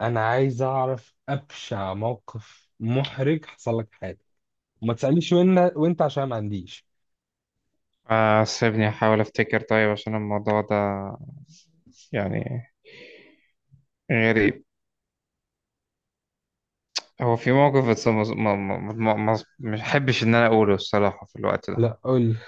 انا عايز اعرف ابشع موقف محرج حصل لك في حياتك، وما تسالنيش وين وانت عشان ما عنديش. آه، سيبني أحاول أفتكر. طيب، عشان الموضوع ده يعني غريب. هو في موقف، بس مش أحبش إن أنا أقوله الصراحة في الوقت ده. لا، قول لي.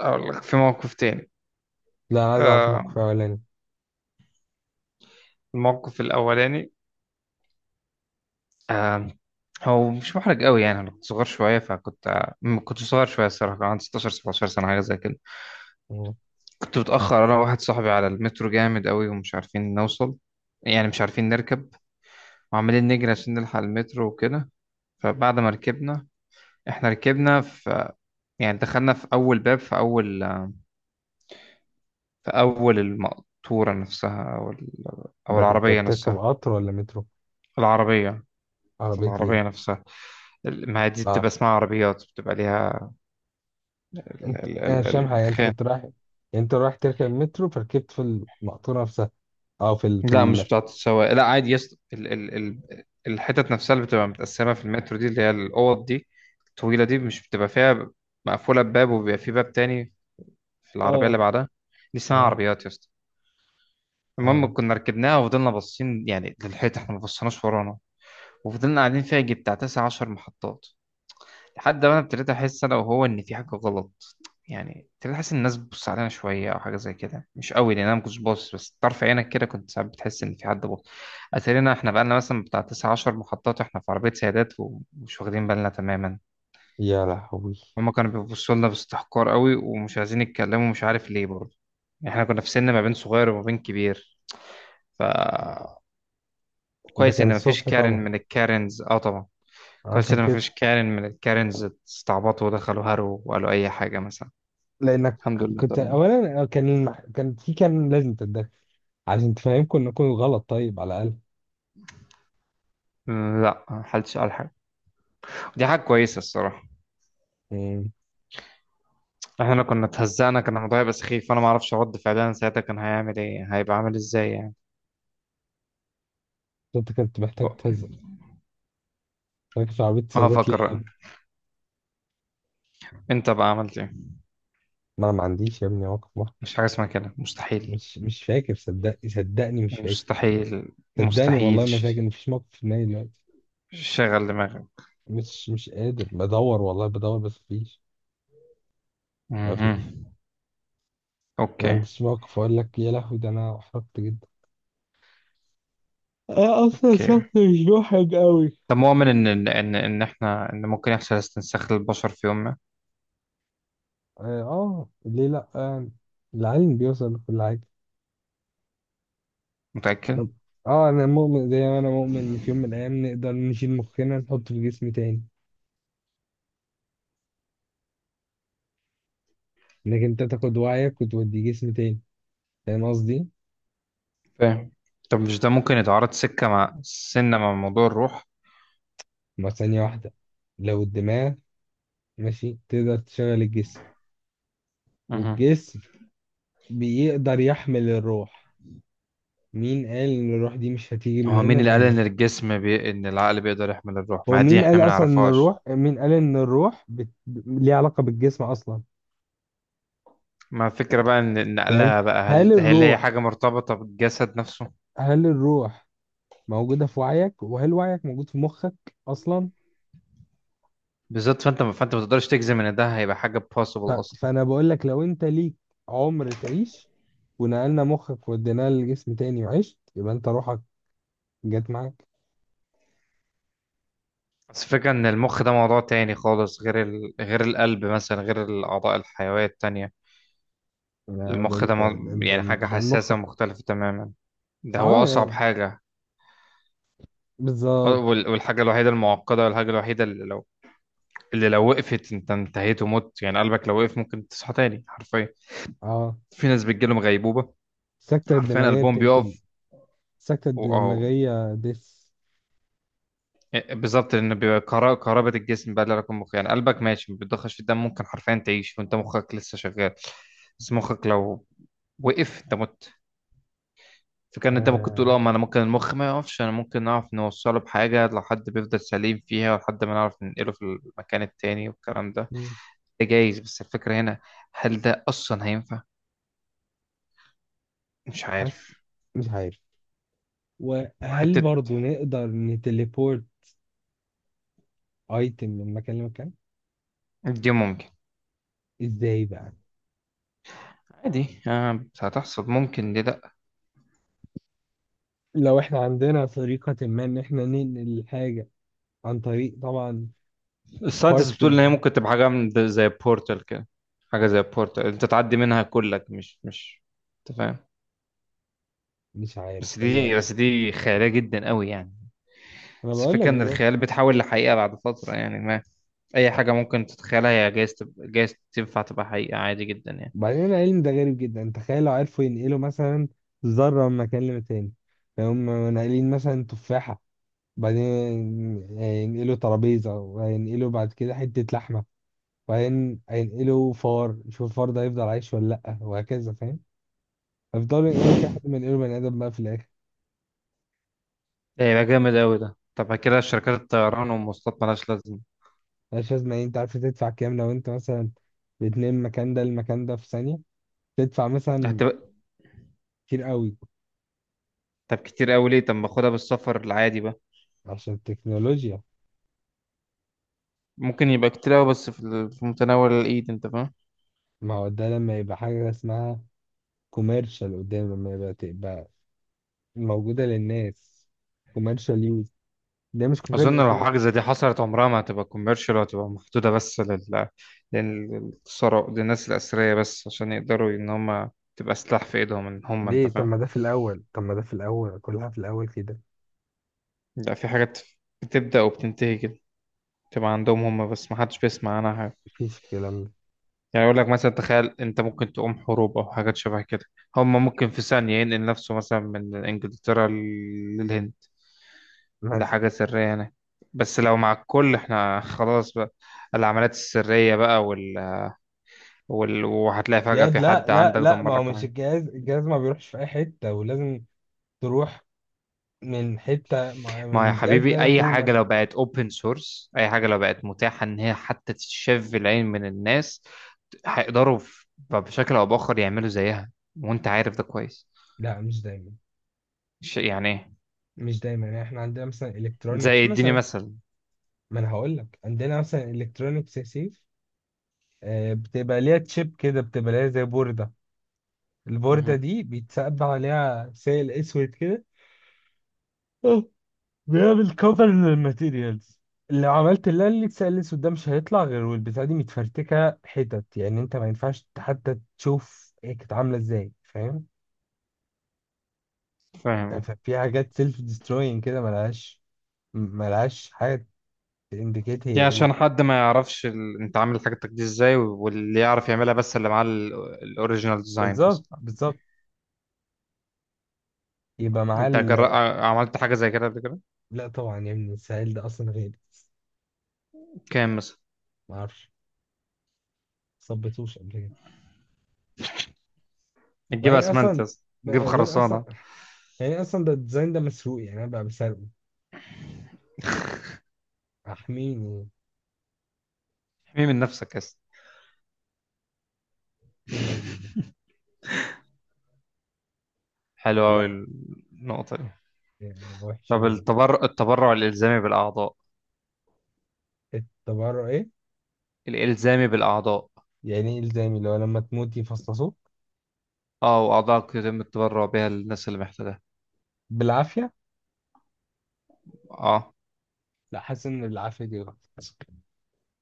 أقول لك في موقف تاني. لا، انا عايز اعرف آه، الموقف الاولاني. الموقف الأولاني. آه، هو مش محرج قوي يعني. أنا كنت صغير شوية، فكنت كنت صغير شوية الصراحة. كان عندي 16 17 سنة حاجة زي كده. مم. كنت متأخر أنا وواحد صاحبي على المترو جامد قوي، ومش عارفين نوصل يعني، مش عارفين نركب، وعمالين نجري عشان نلحق المترو وكده. فبعد ما ركبنا، احنا ركبنا في، يعني دخلنا في اول باب، في اول، في اول المقطورة نفسها، او او ده كنت العربية بتركب نفسها. قطر ولا مترو؟ العربية، في عربيه ايه؟ العربية نفسها. ما هي دي بتبقى اه. اسمها عربيات، بتبقى ليها ال انت ال ال مش فاهم حاجه. انت الخان. كنت رايح يعني، انت رايح تركب المترو فركبت في المقطوره نفسها، او لا مش بتاعة السواق، لا عادي. يس، ال الحتت نفسها اللي بتبقى متقسمة في المترو، دي اللي هي الأوض دي الطويلة دي. مش بتبقى فيها مقفولة بباب، وبيبقى في باب تاني في العربية اللي اه، بعدها. دي اسمها اه، عربيات، يس. اه، المهم كنا ركبناها، وفضلنا باصين يعني للحيط، احنا ما بصيناش ورانا. وفضلنا قاعدين فيها يجي بتاع تسع عشر محطات، لحد ما انا ابتديت احس انا وهو ان في حاجه غلط. يعني ابتديت احس ان الناس بتبص علينا شويه او حاجه زي كده، مش قوي، لان انا ما كنتش باصص، بس طرف عينك كده كنت ساعات بتحس ان في حد باصص. اتارينا احنا بقالنا مثلا بتاع تسع عشر محطات واحنا في عربيه سيادات، ومش واخدين بالنا تماما. يا لهوي. هما كانوا بيبصوا لنا باستحقار قوي، ومش عايزين يتكلموا، مش عارف ليه برضه. يعني احنا كنا في سن ما بين صغير وما بين كبير. ف ده كويس كان ان مفيش الصبح كارن طبعا، من الكارنز، اه طبعا. كويس عشان ان كده. مفيش كارن من الكارنز استعبطوا ودخلوا هارو وقالوا اي حاجه مثلا. لانك الحمد لله كنت طبعا. اولا، كان المح... كان في كان لازم تتدخل عشان تفهمكم انكم غلط، طيب، على الاقل. م، لا ما حلتش قال حاجه. دي حاجه كويسه الصراحه. امم احنا كنا اتهزقنا، كان الموضوع هيبقى سخيف، فانا ما اعرفش رد فعلنا ساعتها كان هيعمل ايه، هيبقى عامل ازاي يعني. انت كنت محتاج تهزر؟ راكب في عربيه اه سيدات ليه يا فكر، ابني؟ انت بقى عملت ايه؟ ما انا ما عنديش يا ابني موقف واحد. مش حاجه اسمها كده، مستحيل. مش فاكر، صدقني، مش فاكر. مستحيل صدقني مستحيل والله، ما فاكر، ش- مفيش موقف في دماغي دلوقتي. شغل دماغك. مش قادر، بدور والله، بدور بس مفيش. مهم. ما اوكي، عنديش موقف اقول لك، يا لهوي، ده انا احرجت جدا. انا اصلا اوكي. شخص مش محرج قوي. طب مؤمن ان ان ان إن احنا ان ممكن يحصل استنساخ للبشر في يوم ما؟ اه، ليه لا يعني؟ العلم بيوصل لكل حاجه. متأكد؟ طب- اه، انا مؤمن زي ما انا مؤمن ان في يوم من الايام نقدر نشيل مخنا نحطه في جسم تاني. انك انت تاخد وعيك وتوديه جسم تاني. فاهم قصدي؟ فاهم. طب مش ده ممكن يتعارض سكة مع سنة مع موضوع الروح؟ ما ثانية واحدة، لو الدماغ ماشي تقدر تشغل الجسم، مهم. والجسم بيقدر يحمل الروح، مين قال ان الروح دي مش هتيجي من هو هنا مين اللي قال ان لهنا؟ ان العقل بيقدر يحمل الروح؟ هو ما دي مين احنا قال ما اصلا ان نعرفهاش. الروح، مين قال ان الروح بت... ليها علاقة بالجسم اصلا؟ ما الفكرة بقى ان إن فاهم؟ نقلها بقى، هل هل هي الروح حاجة مرتبطة بالجسد نفسه؟ هل الروح موجودة في وعيك؟ وهل وعيك موجود في مخك اصلا؟ بالظبط. فانت ما تقدرش تجزم ان ده هيبقى حاجة possible اصلا. فانا بقول لك، لو انت ليك عمر تعيش، ونقلنا مخك وديناه لجسم تاني وعشت، يبقى انت روحك جت معاك. بس الفكرة ان المخ ده موضوع تاني خالص، غير غير القلب مثلا، غير الاعضاء الحيوية التانية. يا ده المخ ده انت، ده انت، يعني حاجة ده المخ. حساسة ومختلفة تماما. ده هو فاه أصعب يعني، حاجة. أه، بالظبط. والحاجة الوحيدة المعقدة، والحاجة الوحيدة اللي لو وقفت أنت انتهيت ومت يعني. قلبك لو وقف ممكن تصحى تاني حرفيا. اه، في ناس بتجيلهم غيبوبة، السكتة حرفيا الدماغية قلبهم بتقتل. بيقف السكتة وأهو. الدماغية دس. بالظبط، لأن بيبقى كهربة الجسم بقى اللي لك المخ يعني. قلبك ماشي ما بتضخش في الدم، ممكن حرفيا تعيش وأنت مخك لسه شغال. بس مخك لو وقف أنت مت. فكان انت ممكن تقول آه. اه، ما انا ممكن المخ ما يقفش، انا ممكن نعرف نوصله بحاجة لو حد بيفضل سليم فيها، ولحد ما نعرف ننقله في المكان التاني والكلام ده. مم. ده جايز، بس الفكرة هنا هل ده اصلا هينفع؟ مش عارف. حاسس. مش عارف. وهل وحتة برضو نقدر نتليبورت ايتم من مكان لمكان؟ دي ممكن ازاي بقى؟ عادي. آه، بس هتحصل ممكن، ليه لا. لو احنا عندنا طريقة ما ان احنا ننقل الحاجة عن طريق، طبعا، الساينتست بتقول ان بارتكلز. هي ممكن تبقى حاجة زي بورتال كده. حاجة زي بورتال انت تعدي منها كلك، مش انت فاهم. مش عارف بس دي هي. بس دي خيالية جدا قوي يعني. انا بس بقول الفكرة لك ان بالظبط. الخيال بيتحول لحقيقة بعد فترة يعني. اي حاجه ممكن تتخيلها هي جايز تبقى، جايز تنفع تبقى حقيقه عادي جدا يعني. بعدين العلم ده غريب جدا. تخيل لو عرفوا ينقلوا مثلا ذره من مكان لمكان، هم ناقلين مثلا تفاحه، بعدين هينقلوا ترابيزه، وهينقلوا بعد كده حته لحمه، وبعدين هينقلوا فار، شوف الفار ده هيفضل عايش ولا لا، وهكذا، فاهم؟ هيفضلوا ينقلوا كده لحد ما ينقلوا بني ادم بقى في الاخر. ده هيبقى جامد قوي ده. طب كده شركات الطيران والمواصلات مالهاش لازمه. مش لازم يعني. انت عارف تدفع كام لو انت مثلا بتنام المكان ده للمكان ده في ثانيه؟ تدفع مثلا هتبقى. كتير قوي. طب كتير قوي ليه؟ طب ما اخدها بالسفر العادي بقى. عشان التكنولوجيا. ممكن يبقى كتير قوي، بس في في متناول الايد، انت فاهم. ما هو ده لما يبقى حاجة اسمها كوميرشال قدام، لما يبقى، تبقى موجودة للناس، كوميرشال يوز. ده مش اظن كوميرشال. لو حاجه زي دي حصلت عمرها ما هتبقى كوميرشال، وهتبقى محدوده بس لل للثراء، للناس الاثرياء بس، عشان يقدروا ان هم تبقى سلاح في ايدهم، ان هم انت ليه؟ طب فاهم. ما ده في الأول، طب ما ده في الأول، كلها في الأول كده. لا، في حاجات بتبدا وبتنتهي كده، تبقى عندهم هم بس ما حدش بيسمع عنها حاجه. مفيش الكلام ده. يعني يقول لك مثلا تخيل، انت ممكن تقوم حروب او حاجات شبه كده. هما ممكن في ثانية ينقل نفسه مثلا من انجلترا للهند مات. لحاجة سرية هنا. بس لو مع الكل احنا خلاص بقى. العمليات السرية بقى وهتلاقي فجأة في لا، حد لا، عندك لا، دمر ما هو لك مش الحاجة. الجهاز، الجهاز ما بيروحش في أي حتة، ولازم تروح من حتة، ما يا من الجهاز ده حبيبي، أي لأخوه حاجة مثلا. لو بقت open source، أي حاجة لو بقت متاحة إن هي حتى تتشاف في العين من الناس، هيقدروا بشكل أو بآخر يعملوا زيها. وأنت عارف ده كويس. لا، مش دايما. يعني إيه؟ مش دايما يعني، احنا عندنا مثلا الكترونيكس زي اديني مثلا. مثل. ما انا هقول لك عندنا مثلا الكترونيكس يا سيف. بتبقى ليها تشيب كده، بتبقى ليها زي بوردة، البوردة مهم. دي بيتسقب عليها سائل اسود كده. آه. بيعمل كفر للماتيريالز. لو عملت اللي السائل الاسود ده مش هيطلع غير، والبتاعة دي متفرتكة حتت، يعني انت ما ينفعش حتى تشوف هي كانت عاملة ازاي، فاهم؟ فاهم. ففي حاجات سيلف ديستروينج كده، ملهاش حاجة تindicate هي يعني ايه. عشان حد ما يعرفش انت عامل حاجتك دي ازاي، واللي يعرف يعملها بس اللي معاه الاوريجينال ديزاين بالظبط، مثلا. بالظبط. يبقى معاه انت جر... ال... عملت حاجه زي كده قبل كده؟ لا طبعا يا ابني، السائل ده اصلا غالي. كام مثلا؟ معرفش. مصبتوش قبل كده. تجيب وبعدين اسمنت اصلا يا اسطى، تجيب بعدين اصلا، خرسانه. يعني اصلا ده الديزاين ده مسروق، يعني انا بقى بسرقه احميه. احمي من نفسك يا اسطى. مم. حلوه لا، قوي النقطه دي. يعني وحشه طب جدا. التبرع الالزامي بالاعضاء. التبرع ايه؟ الالزامي بالاعضاء. يعني ايه الزامي؟ لو لما تموت يفصصوك؟ اه، واعضائك يتم التبرع بها للناس اللي محتاجها. بالعافيه. اه. لا، حاسس ان العافيه دي غلط.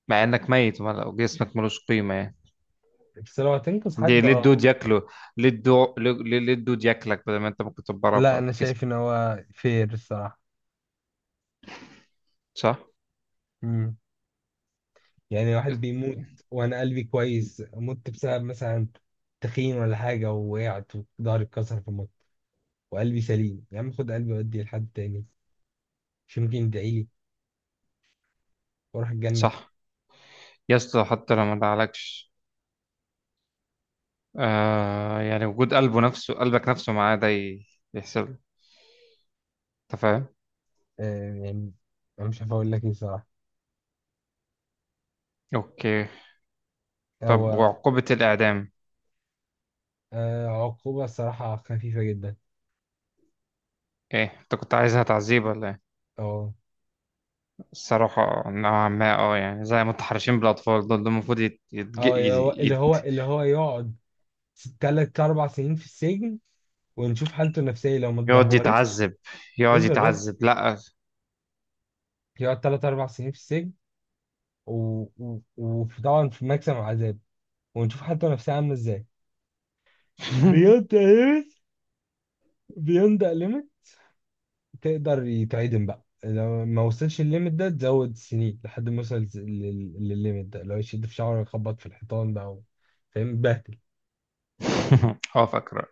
مع انك ميت وجسمك ملوش قيمه يعني. بس لو هتنقذ دي حد، ليه اه. الدود ياكله، ليه ليه الدود ياكلك بدل ما انت ممكن تتبرع لا، انا بجسم. شايف ان هو فير الصراحه. صح. مم. يعني واحد بيموت وانا قلبي كويس، مت بسبب مثلا تخين ولا حاجه، ووقعت وضهري اتكسر فمت، وقلبي سليم، يا عم خد قلبي وديه لحد تاني، مش ممكن يدعي لي واروح الجنه؟ صح يا اسطى، حتى لو ما دعلكش. آه يعني وجود قلبه نفسه، قلبك نفسه معاه، ده يحسب له. انت فاهم. آه، يعني، أنا مش عارف أقول لك إيه صراحة. اوكي. طب هو وعقوبة الإعدام؟ عقوبة صراحة خفيفة جدا. ايه، انت كنت عايزها تعذيب ولا ايه؟ أه. الصراحة نوعا ما، اه يعني زي متحرشين بالأطفال دول، دول المفروض يت... يتج... يت... أه، اللي هو اللي هو يت... اللي هو يقعد تلات أربع سنين في السجن، ونشوف حالته النفسية لو ما يقعد اتدهورتش. يتعذب. يقعد اصبر بس، يتعذب، لا. يقعد تلات أربع سنين في السجن، وطبعا في ماكسيمم عذاب، ونشوف حالته النفسية عاملة إزاي. بينطق ليميت. بينطق. تقدر يتعدم بقى لو ما وصلش الليميت ده، تزود سنين لحد ما يوصل للليميت ده، لو يشد في شعره يخبط في الحيطان بقى. فاهم بهدل. اه فاكر.